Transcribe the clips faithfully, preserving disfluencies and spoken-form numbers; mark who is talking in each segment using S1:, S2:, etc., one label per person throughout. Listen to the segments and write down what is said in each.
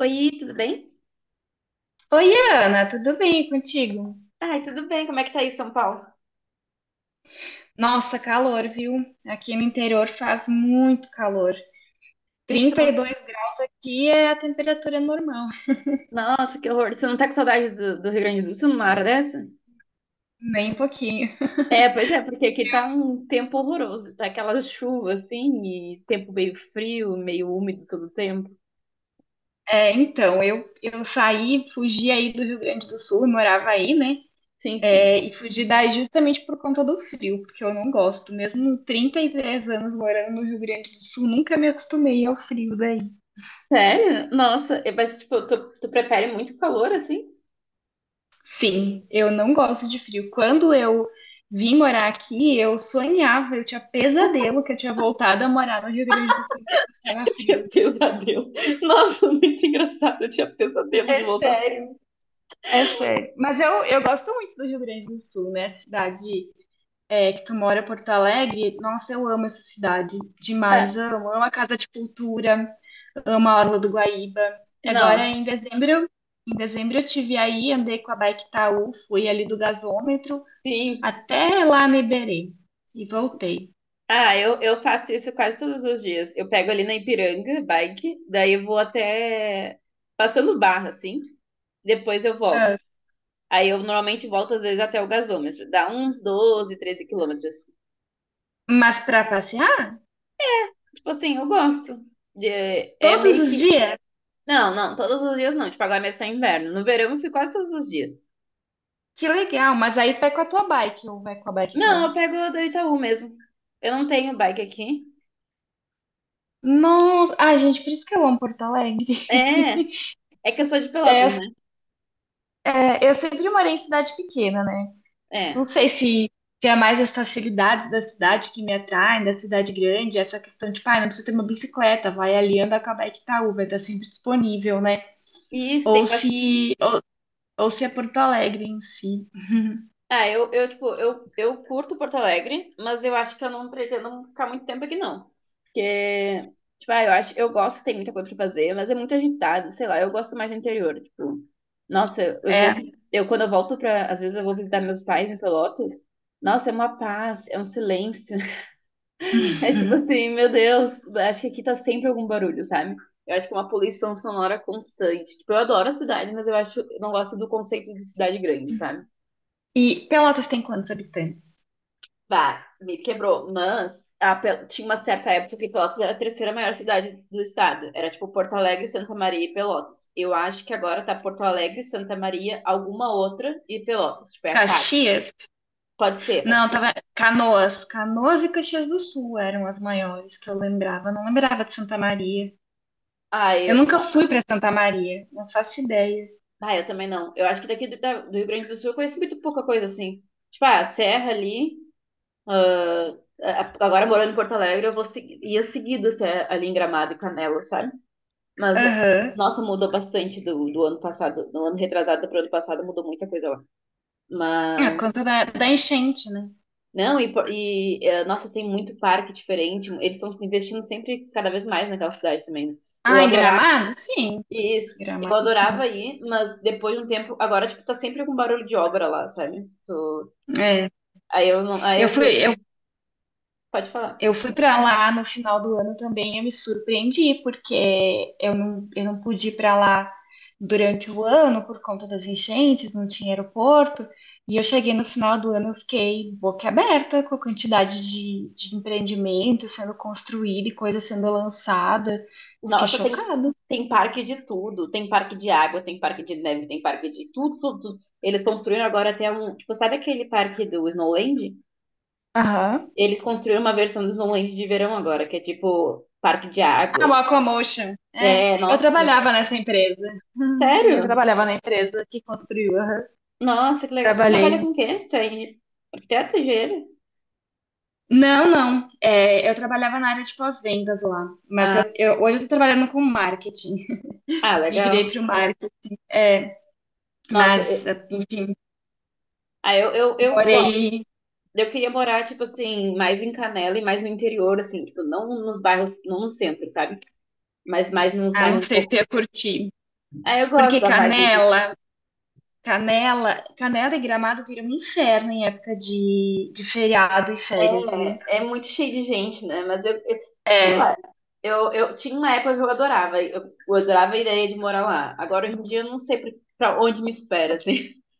S1: Oi, tudo bem?
S2: Oi, Ana, tudo bem contigo?
S1: Ai, tudo bem, como é que tá aí, São Paulo?
S2: Nossa, calor, viu? Aqui no interior faz muito calor.
S1: E tu
S2: Trinta e
S1: não-
S2: dois graus aqui é a temperatura normal.
S1: Nossa, que horror. Você não tá com saudade do, do Rio Grande do Sul numa hora dessa?
S2: Nem um pouquinho.
S1: É, pois é, porque aqui tá um tempo horroroso, tá aquelas chuvas assim, e tempo meio frio, meio úmido todo o tempo.
S2: É, então, eu, eu saí, fugi aí do Rio Grande do Sul, eu morava aí, né?
S1: Sim, sim.
S2: É, e fugi daí justamente por conta do frio, porque eu não gosto. Mesmo Trinta e três anos morando no Rio Grande do Sul, nunca me acostumei ao frio daí.
S1: Sério? Nossa, é, mas tipo, tu, tu prefere muito calor assim?
S2: Sim, eu não gosto de frio. Quando eu vim morar aqui, eu sonhava, eu tinha pesadelo que eu tinha voltado a morar no Rio Grande do Sul porque estava frio.
S1: Eu tinha pesadelo. Nossa, muito engraçado, eu tinha pesadelo de
S2: É
S1: voltar.
S2: sério, é sério. Mas eu, eu gosto muito do Rio Grande do Sul, né? Cidade é, que tu mora, Porto Alegre. Nossa, eu amo essa cidade
S1: Ah,
S2: demais. Amo. Amo a Casa de Cultura, amo a Orla do Guaíba. Agora,
S1: não,
S2: em dezembro, em dezembro eu tive aí, andei com a bike Taú, fui ali do gasômetro,
S1: sim,
S2: até lá no Iberê e voltei.
S1: ah, eu, eu faço isso quase todos os dias. Eu pego ali na Ipiranga, bike, daí eu vou até passando barra, assim, depois eu volto.
S2: Ah,
S1: Aí eu normalmente volto às vezes até o gasômetro, dá uns doze, treze quilômetros.
S2: mas pra passear?
S1: Tipo assim, eu gosto. É, é
S2: Todos
S1: meio
S2: os
S1: que.
S2: dias?
S1: Não, não, todos os dias não. Tipo, agora mesmo tá inverno. No verão eu fico quase todos os dias.
S2: Que legal, mas aí vai com a tua bike ou vai com a bike
S1: Não,
S2: então?
S1: eu pego a do Itaú mesmo. Eu não tenho bike aqui.
S2: Nossa, ai gente, por isso que eu amo Porto Alegre.
S1: É, é que eu sou de Pelotas, né?
S2: É, eu sempre morei em cidade pequena, né? Não
S1: É.
S2: sei se, se é mais as facilidades da cidade que me atraem, da cidade grande, essa questão de, pai, não precisa ter uma bicicleta, vai ali anda com a bike Itaú, vai estar sempre disponível, né?
S1: E isso tem,
S2: Ou
S1: bas-
S2: se, ou, ou se é Porto Alegre em si.
S1: Ah, eu, eu, tipo, eu, eu curto Porto Alegre, mas eu acho que eu não pretendo ficar muito tempo aqui, não. Porque, tipo, ah, eu acho, eu gosto, tem muita coisa pra fazer, mas é muito agitado, sei lá, eu gosto mais do interior, tipo, nossa, eu eu vou,
S2: É.
S1: eu quando eu volto pra, às vezes eu vou visitar meus pais em Pelotas, nossa, é uma paz, é um silêncio, é tipo assim, meu Deus, acho que aqui tá sempre algum barulho, sabe? Eu acho que é uma poluição sonora constante, tipo, eu adoro a cidade, mas eu acho, eu não gosto do conceito de cidade grande, sabe?
S2: E Pelotas tem quantos habitantes?
S1: Bah, me quebrou. Mas a Pel- tinha uma certa época que Pelotas era a terceira maior cidade do estado. Era tipo Porto Alegre, Santa Maria e Pelotas. Eu acho que agora tá Porto Alegre, Santa Maria, alguma outra e Pelotas. Tipo, é a quarta.
S2: Caxias?
S1: Pode ser, pode
S2: Não,
S1: ser.
S2: tava. Canoas. Canoas e Caxias do Sul eram as maiores que eu lembrava. Eu não lembrava de Santa Maria.
S1: Ah,
S2: Eu
S1: eu,
S2: nunca
S1: na-
S2: fui pra Santa Maria. Não faço ideia.
S1: ah, eu também não. Eu acho que daqui do, da- do Rio Grande do Sul eu conheço muito pouca coisa assim. Tipo, ah, a Serra ali. Ah, a- a- agora morando em Porto Alegre, eu vou seguir, ia seguido assim, ali em Gramado e Canela, sabe? Mas,
S2: Aham.
S1: nossa, mudou bastante do, do ano passado, do ano retrasado para o ano passado, mudou muita coisa lá.
S2: Ah, por
S1: Mas,
S2: conta da, da enchente, né?
S1: não, e, por- e eh, nossa, tem muito parque diferente. Eles estão investindo sempre cada vez mais naquela cidade também, né? Eu
S2: Ah, em
S1: adorava
S2: Gramado? Sim.
S1: isso. Eu
S2: Gramado.
S1: adorava ir, mas depois de um tempo, agora, tipo, tá sempre com barulho de obra lá, sabe? Tu-
S2: É.
S1: Aí eu não, aí
S2: Eu
S1: eu
S2: fui,
S1: perdi. Pode falar.
S2: eu fui para lá no final do ano também, eu me surpreendi, porque eu não, eu não pude ir para lá durante o ano por conta das enchentes, não tinha aeroporto. E eu cheguei no final do ano, eu fiquei boca aberta com a quantidade de, de empreendimento sendo construído e coisa sendo lançada. Fiquei
S1: Nossa, tem,
S2: chocada.
S1: tem parque de tudo. Tem parque de água, tem parque de neve, tem parque de tudo, tudo, tudo. Eles construíram agora até um. Tipo, sabe aquele parque do Snowland?
S2: Aham.
S1: Eles construíram uma versão do Snowland de verão agora, que é tipo parque de
S2: Ah, o
S1: águas.
S2: Aquamotion. É,
S1: É,
S2: eu
S1: nossa.
S2: trabalhava nessa empresa. Hum, eu
S1: Sério?
S2: trabalhava na empresa que construiu. Aham.
S1: Nossa, que legal. Você trabalha com
S2: Trabalhei.
S1: o quê? Tu é arquiteto, engenheiro?
S2: Não, não. É, eu trabalhava na área de pós-vendas lá, mas
S1: Ah,
S2: eu, eu- hoje eu estou trabalhando com marketing.
S1: ah,
S2: Migrei
S1: legal.
S2: para o marketing, é,
S1: Nossa,
S2: mas
S1: eu-
S2: enfim,
S1: ah, eu, eu, eu gosto.
S2: morei.
S1: Eu queria morar, tipo assim, mais em Canela e mais no interior, assim, tipo, não nos bairros, não no centro, sabe? Mas mais nos
S2: Ah, não
S1: bairros
S2: sei se
S1: um.
S2: eu ia curtir,
S1: Ah, eu gosto
S2: porque
S1: da vibe disso.
S2: Canela, Canela, Canela e Gramado viram um inferno em época de, de feriado e férias, viu?
S1: É, é muito cheio de gente, né? Mas eu, eu- sei
S2: É,
S1: lá, eu, eu tinha uma época que eu adorava, eu, eu adorava a ideia de morar lá. Agora, hoje em dia, eu não sei pra pra onde me espera, assim.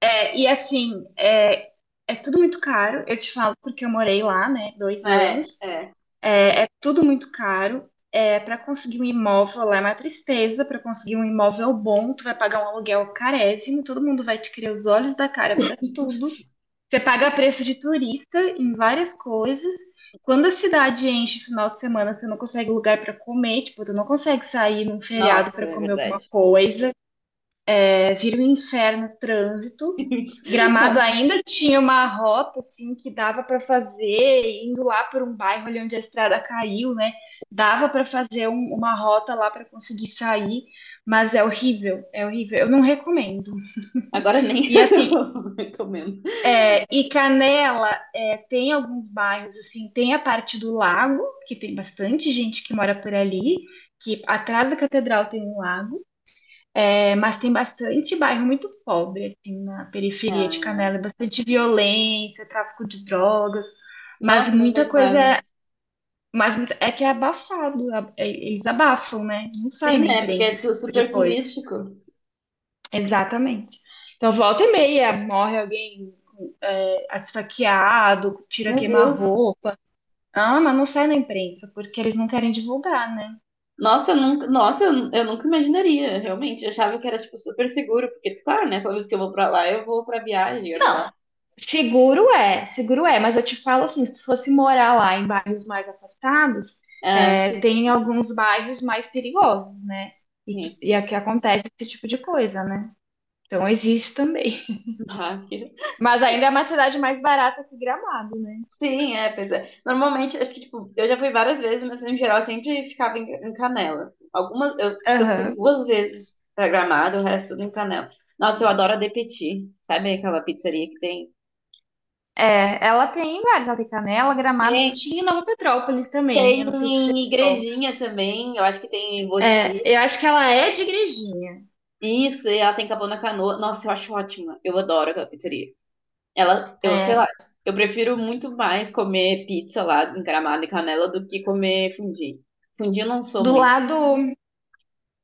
S2: é, e assim, é, é tudo muito caro. Eu te falo porque eu morei lá, né, dois
S1: É,
S2: anos.
S1: é.
S2: É é tudo muito caro. É, para conseguir um imóvel lá é uma tristeza. Para conseguir um imóvel bom, tu vai pagar um aluguel carésimo. Todo mundo vai te querer os olhos da cara para tudo. Você paga preço de turista em várias coisas. Quando a cidade enche final de semana, você não consegue lugar para comer, tipo, tu não consegue sair num feriado
S1: Nossa,
S2: para
S1: é
S2: comer alguma
S1: verdade.
S2: coisa é, vira um inferno o trânsito. Gramado ainda tinha uma rota assim que dava para fazer indo lá por um bairro ali onde a estrada caiu, né? Dava para fazer um- uma rota lá para conseguir sair, mas é horrível, é horrível. Eu não recomendo.
S1: Agora nem
S2: E assim,
S1: eu recomendo.
S2: é, e Canela é, tem alguns bairros assim, tem a parte do lago que tem bastante gente que mora por ali, que atrás da catedral tem um lago. É, mas tem bastante bairro muito pobre, assim, na periferia de
S1: Ah,
S2: Canela, bastante violência, tráfico de drogas, mas
S1: nossa, eu não
S2: muita coisa
S1: imaginava.
S2: é, mas muita- é que é abafado, a- é- eles abafam, né? Não sai
S1: Sim,
S2: na
S1: né? Porque
S2: imprensa
S1: é
S2: esse
S1: tu-
S2: tipo de
S1: super
S2: coisa.
S1: turístico.
S2: Exatamente. Então, volta e meia, morre alguém é, esfaqueado, tira
S1: Meu Deus.
S2: queima-roupa. Ah, mas não sai na imprensa, porque eles não querem divulgar, né?
S1: Nossa, eu nunca, nossa, eu eu nunca imaginaria, realmente. Eu achava que era, tipo, super seguro, porque, claro, né, toda vez que eu vou pra lá, eu vou pra viagem, olha
S2: Não,
S1: lá.
S2: seguro é, seguro é, mas eu te falo assim, se tu fosse morar lá em bairros mais afastados,
S1: Ah,
S2: é,
S1: sim,
S2: tem alguns bairros mais perigosos, né? E
S1: sim.
S2: que, e é que acontece esse tipo de coisa, né? Então existe também.
S1: Ah, que-
S2: Mas ainda é uma cidade mais barata que Gramado, né?
S1: Sim, é, pois é. Normalmente, acho que, tipo, eu já fui várias vezes, mas, em geral, eu sempre ficava em, em Canela. Algumas, eu acho que eu fui
S2: Aham.
S1: duas vezes pra Gramado, o resto tudo em Canela. Nossa, eu adoro a De Petit, sabe aquela pizzaria que tem?
S2: É, ela tem várias, ela tem Canela, Gramado,
S1: Tem,
S2: tinha Nova Petrópolis também,
S1: tem
S2: eu não sei se
S1: em
S2: fechou.
S1: Igrejinha também, eu acho que tem em
S2: É,
S1: Boti.
S2: eu acho que ela é de Igrejinha,
S1: Isso, e ela tem Capão na Canoa. Nossa, eu acho ótima. Eu adoro aquela pizzaria. Ela, eu sei
S2: é,
S1: lá, eu prefiro muito mais comer pizza lá encaramada e canela do que comer fundi. Fundi eu não sou
S2: do
S1: muito.
S2: lado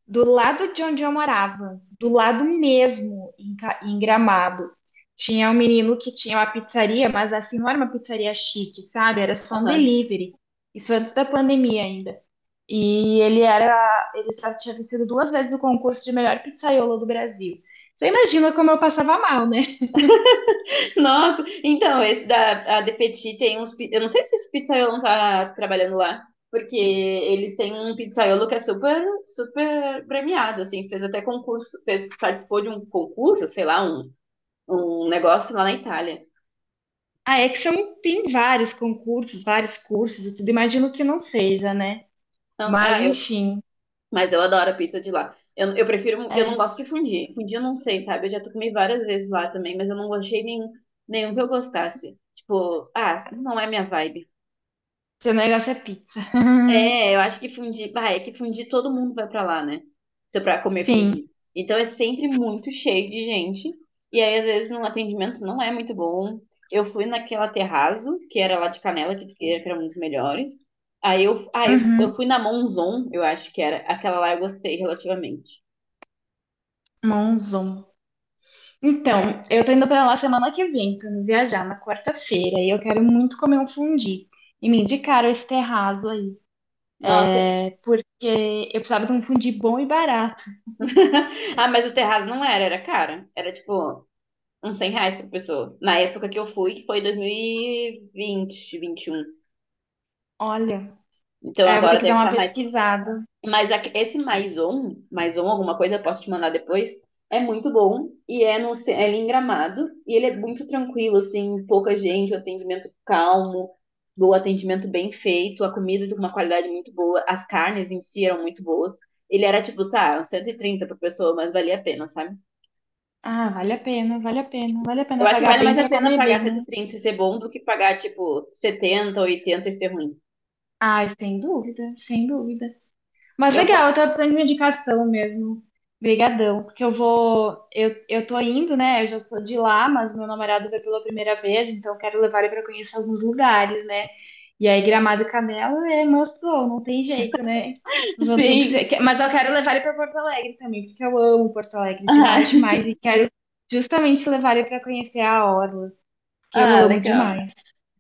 S2: do lado de onde eu morava, do lado mesmo, em, Ca- em Gramado, tinha um menino que tinha uma pizzaria, mas assim, não era uma pizzaria chique, sabe? Era só um
S1: Aham.
S2: delivery. Isso antes da pandemia ainda. E ele era, ele já tinha vencido duas vezes o concurso de melhor pizzaiolo do Brasil. Você imagina como eu passava mal, né?
S1: Nossa, então, esse da a De Petit tem uns. Pi- Eu não sei se esse pizzaiolo não tá trabalhando lá, porque eles têm um pizzaiolo que é super, super premiado, assim, fez até concurso, fez, participou de um concurso, sei lá, um, um negócio lá na Itália.
S2: A Exxon tem vários concursos, vários cursos e tudo. Imagino que não seja, né?
S1: Então, ah,
S2: Mas enfim,
S1: mas eu adoro a pizza de lá. Eu, eu prefiro, eu não
S2: é,
S1: gosto de fundir. Fundir eu não sei, sabe? Eu já tô comi várias vezes lá também, mas eu não gostei nenhum, nenhum que eu gostasse. Tipo, ah, não é minha vibe.
S2: seu negócio é pizza.
S1: É, eu acho que fundir, bah, é que fundir todo mundo vai pra lá, né? Então, pra comer
S2: Sim.
S1: fundir. Então é sempre muito cheio de gente. E aí, às vezes, no atendimento não é muito bom. Eu fui naquela terrazzo, que era lá de Canela, que diz que era muito melhores. Aí eu, ah, eu,
S2: Uhum.
S1: eu fui na Monzon, eu acho que era. Aquela lá eu gostei relativamente.
S2: Monzon. Então, eu tô indo pra lá semana que vem, tô indo viajar na quarta-feira e eu quero muito comer um fundi. E me indicaram esse terraço aí,
S1: Nossa.
S2: porque eu precisava de um fundi bom e barato.
S1: Ah, mas o terraço não era, era cara. Era tipo uns cem reais por pessoa. Na época que eu fui, que foi dois mil e vinte, vinte e um.
S2: Olha,
S1: Então
S2: aí eu vou ter
S1: agora
S2: que
S1: deve
S2: dar uma
S1: estar mais.
S2: pesquisada.
S1: Mas aque- esse mais um, mais um, alguma coisa, eu posso te mandar depois. É muito bom e é no ce- é ali em Gramado e ele é muito tranquilo, assim, pouca gente, o atendimento calmo, o atendimento bem feito, a comida de uma qualidade muito boa, as carnes em si eram muito boas. Ele era tipo, sabe, uns cento e trinta por pessoa, mas valia a pena, sabe?
S2: Ah, vale a pena, vale a pena, vale a
S1: Eu
S2: pena
S1: acho que
S2: pagar
S1: vale
S2: bem
S1: mais a
S2: pra
S1: pena
S2: comer
S1: pagar
S2: bem,
S1: cento
S2: né?
S1: e trinta e ser bom do que pagar, tipo, setenta, oitenta e ser ruim.
S2: Ai, sem dúvida, sem dúvida. Mas
S1: Eu,
S2: legal,
S1: po-
S2: eu tava precisando de uma indicação mesmo. Obrigadão, porque eu vou, eu, eu tô indo, né? Eu já sou de lá, mas meu namorado veio pela primeira vez, então eu quero levar ele pra conhecer alguns lugares, né? E aí Gramado e Canela é must go, não tem jeito, né? Vão ter que ser,
S1: sim.
S2: que- mas eu quero levar ele pra Porto Alegre também, porque eu amo Porto Alegre demais,
S1: Ah,
S2: demais e quero justamente levar ele pra conhecer a orla, que eu
S1: ah,
S2: amo
S1: legal.
S2: demais.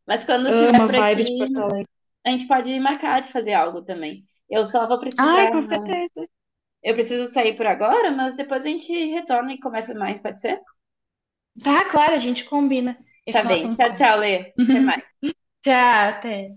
S1: Mas quando eu
S2: Amo
S1: estiver
S2: a
S1: por
S2: vibe de
S1: aqui,
S2: Porto Alegre.
S1: a gente pode marcar de fazer algo também. Eu só vou precisar.
S2: Ai, com certeza.
S1: Eu preciso sair por agora, mas depois a gente retorna e conversa mais, pode ser?
S2: Tá, claro, a gente combina
S1: Tá
S2: esse nosso
S1: bem. Tchau, tchau,
S2: encontro.
S1: Lê. Até mais.
S2: Tchau, até.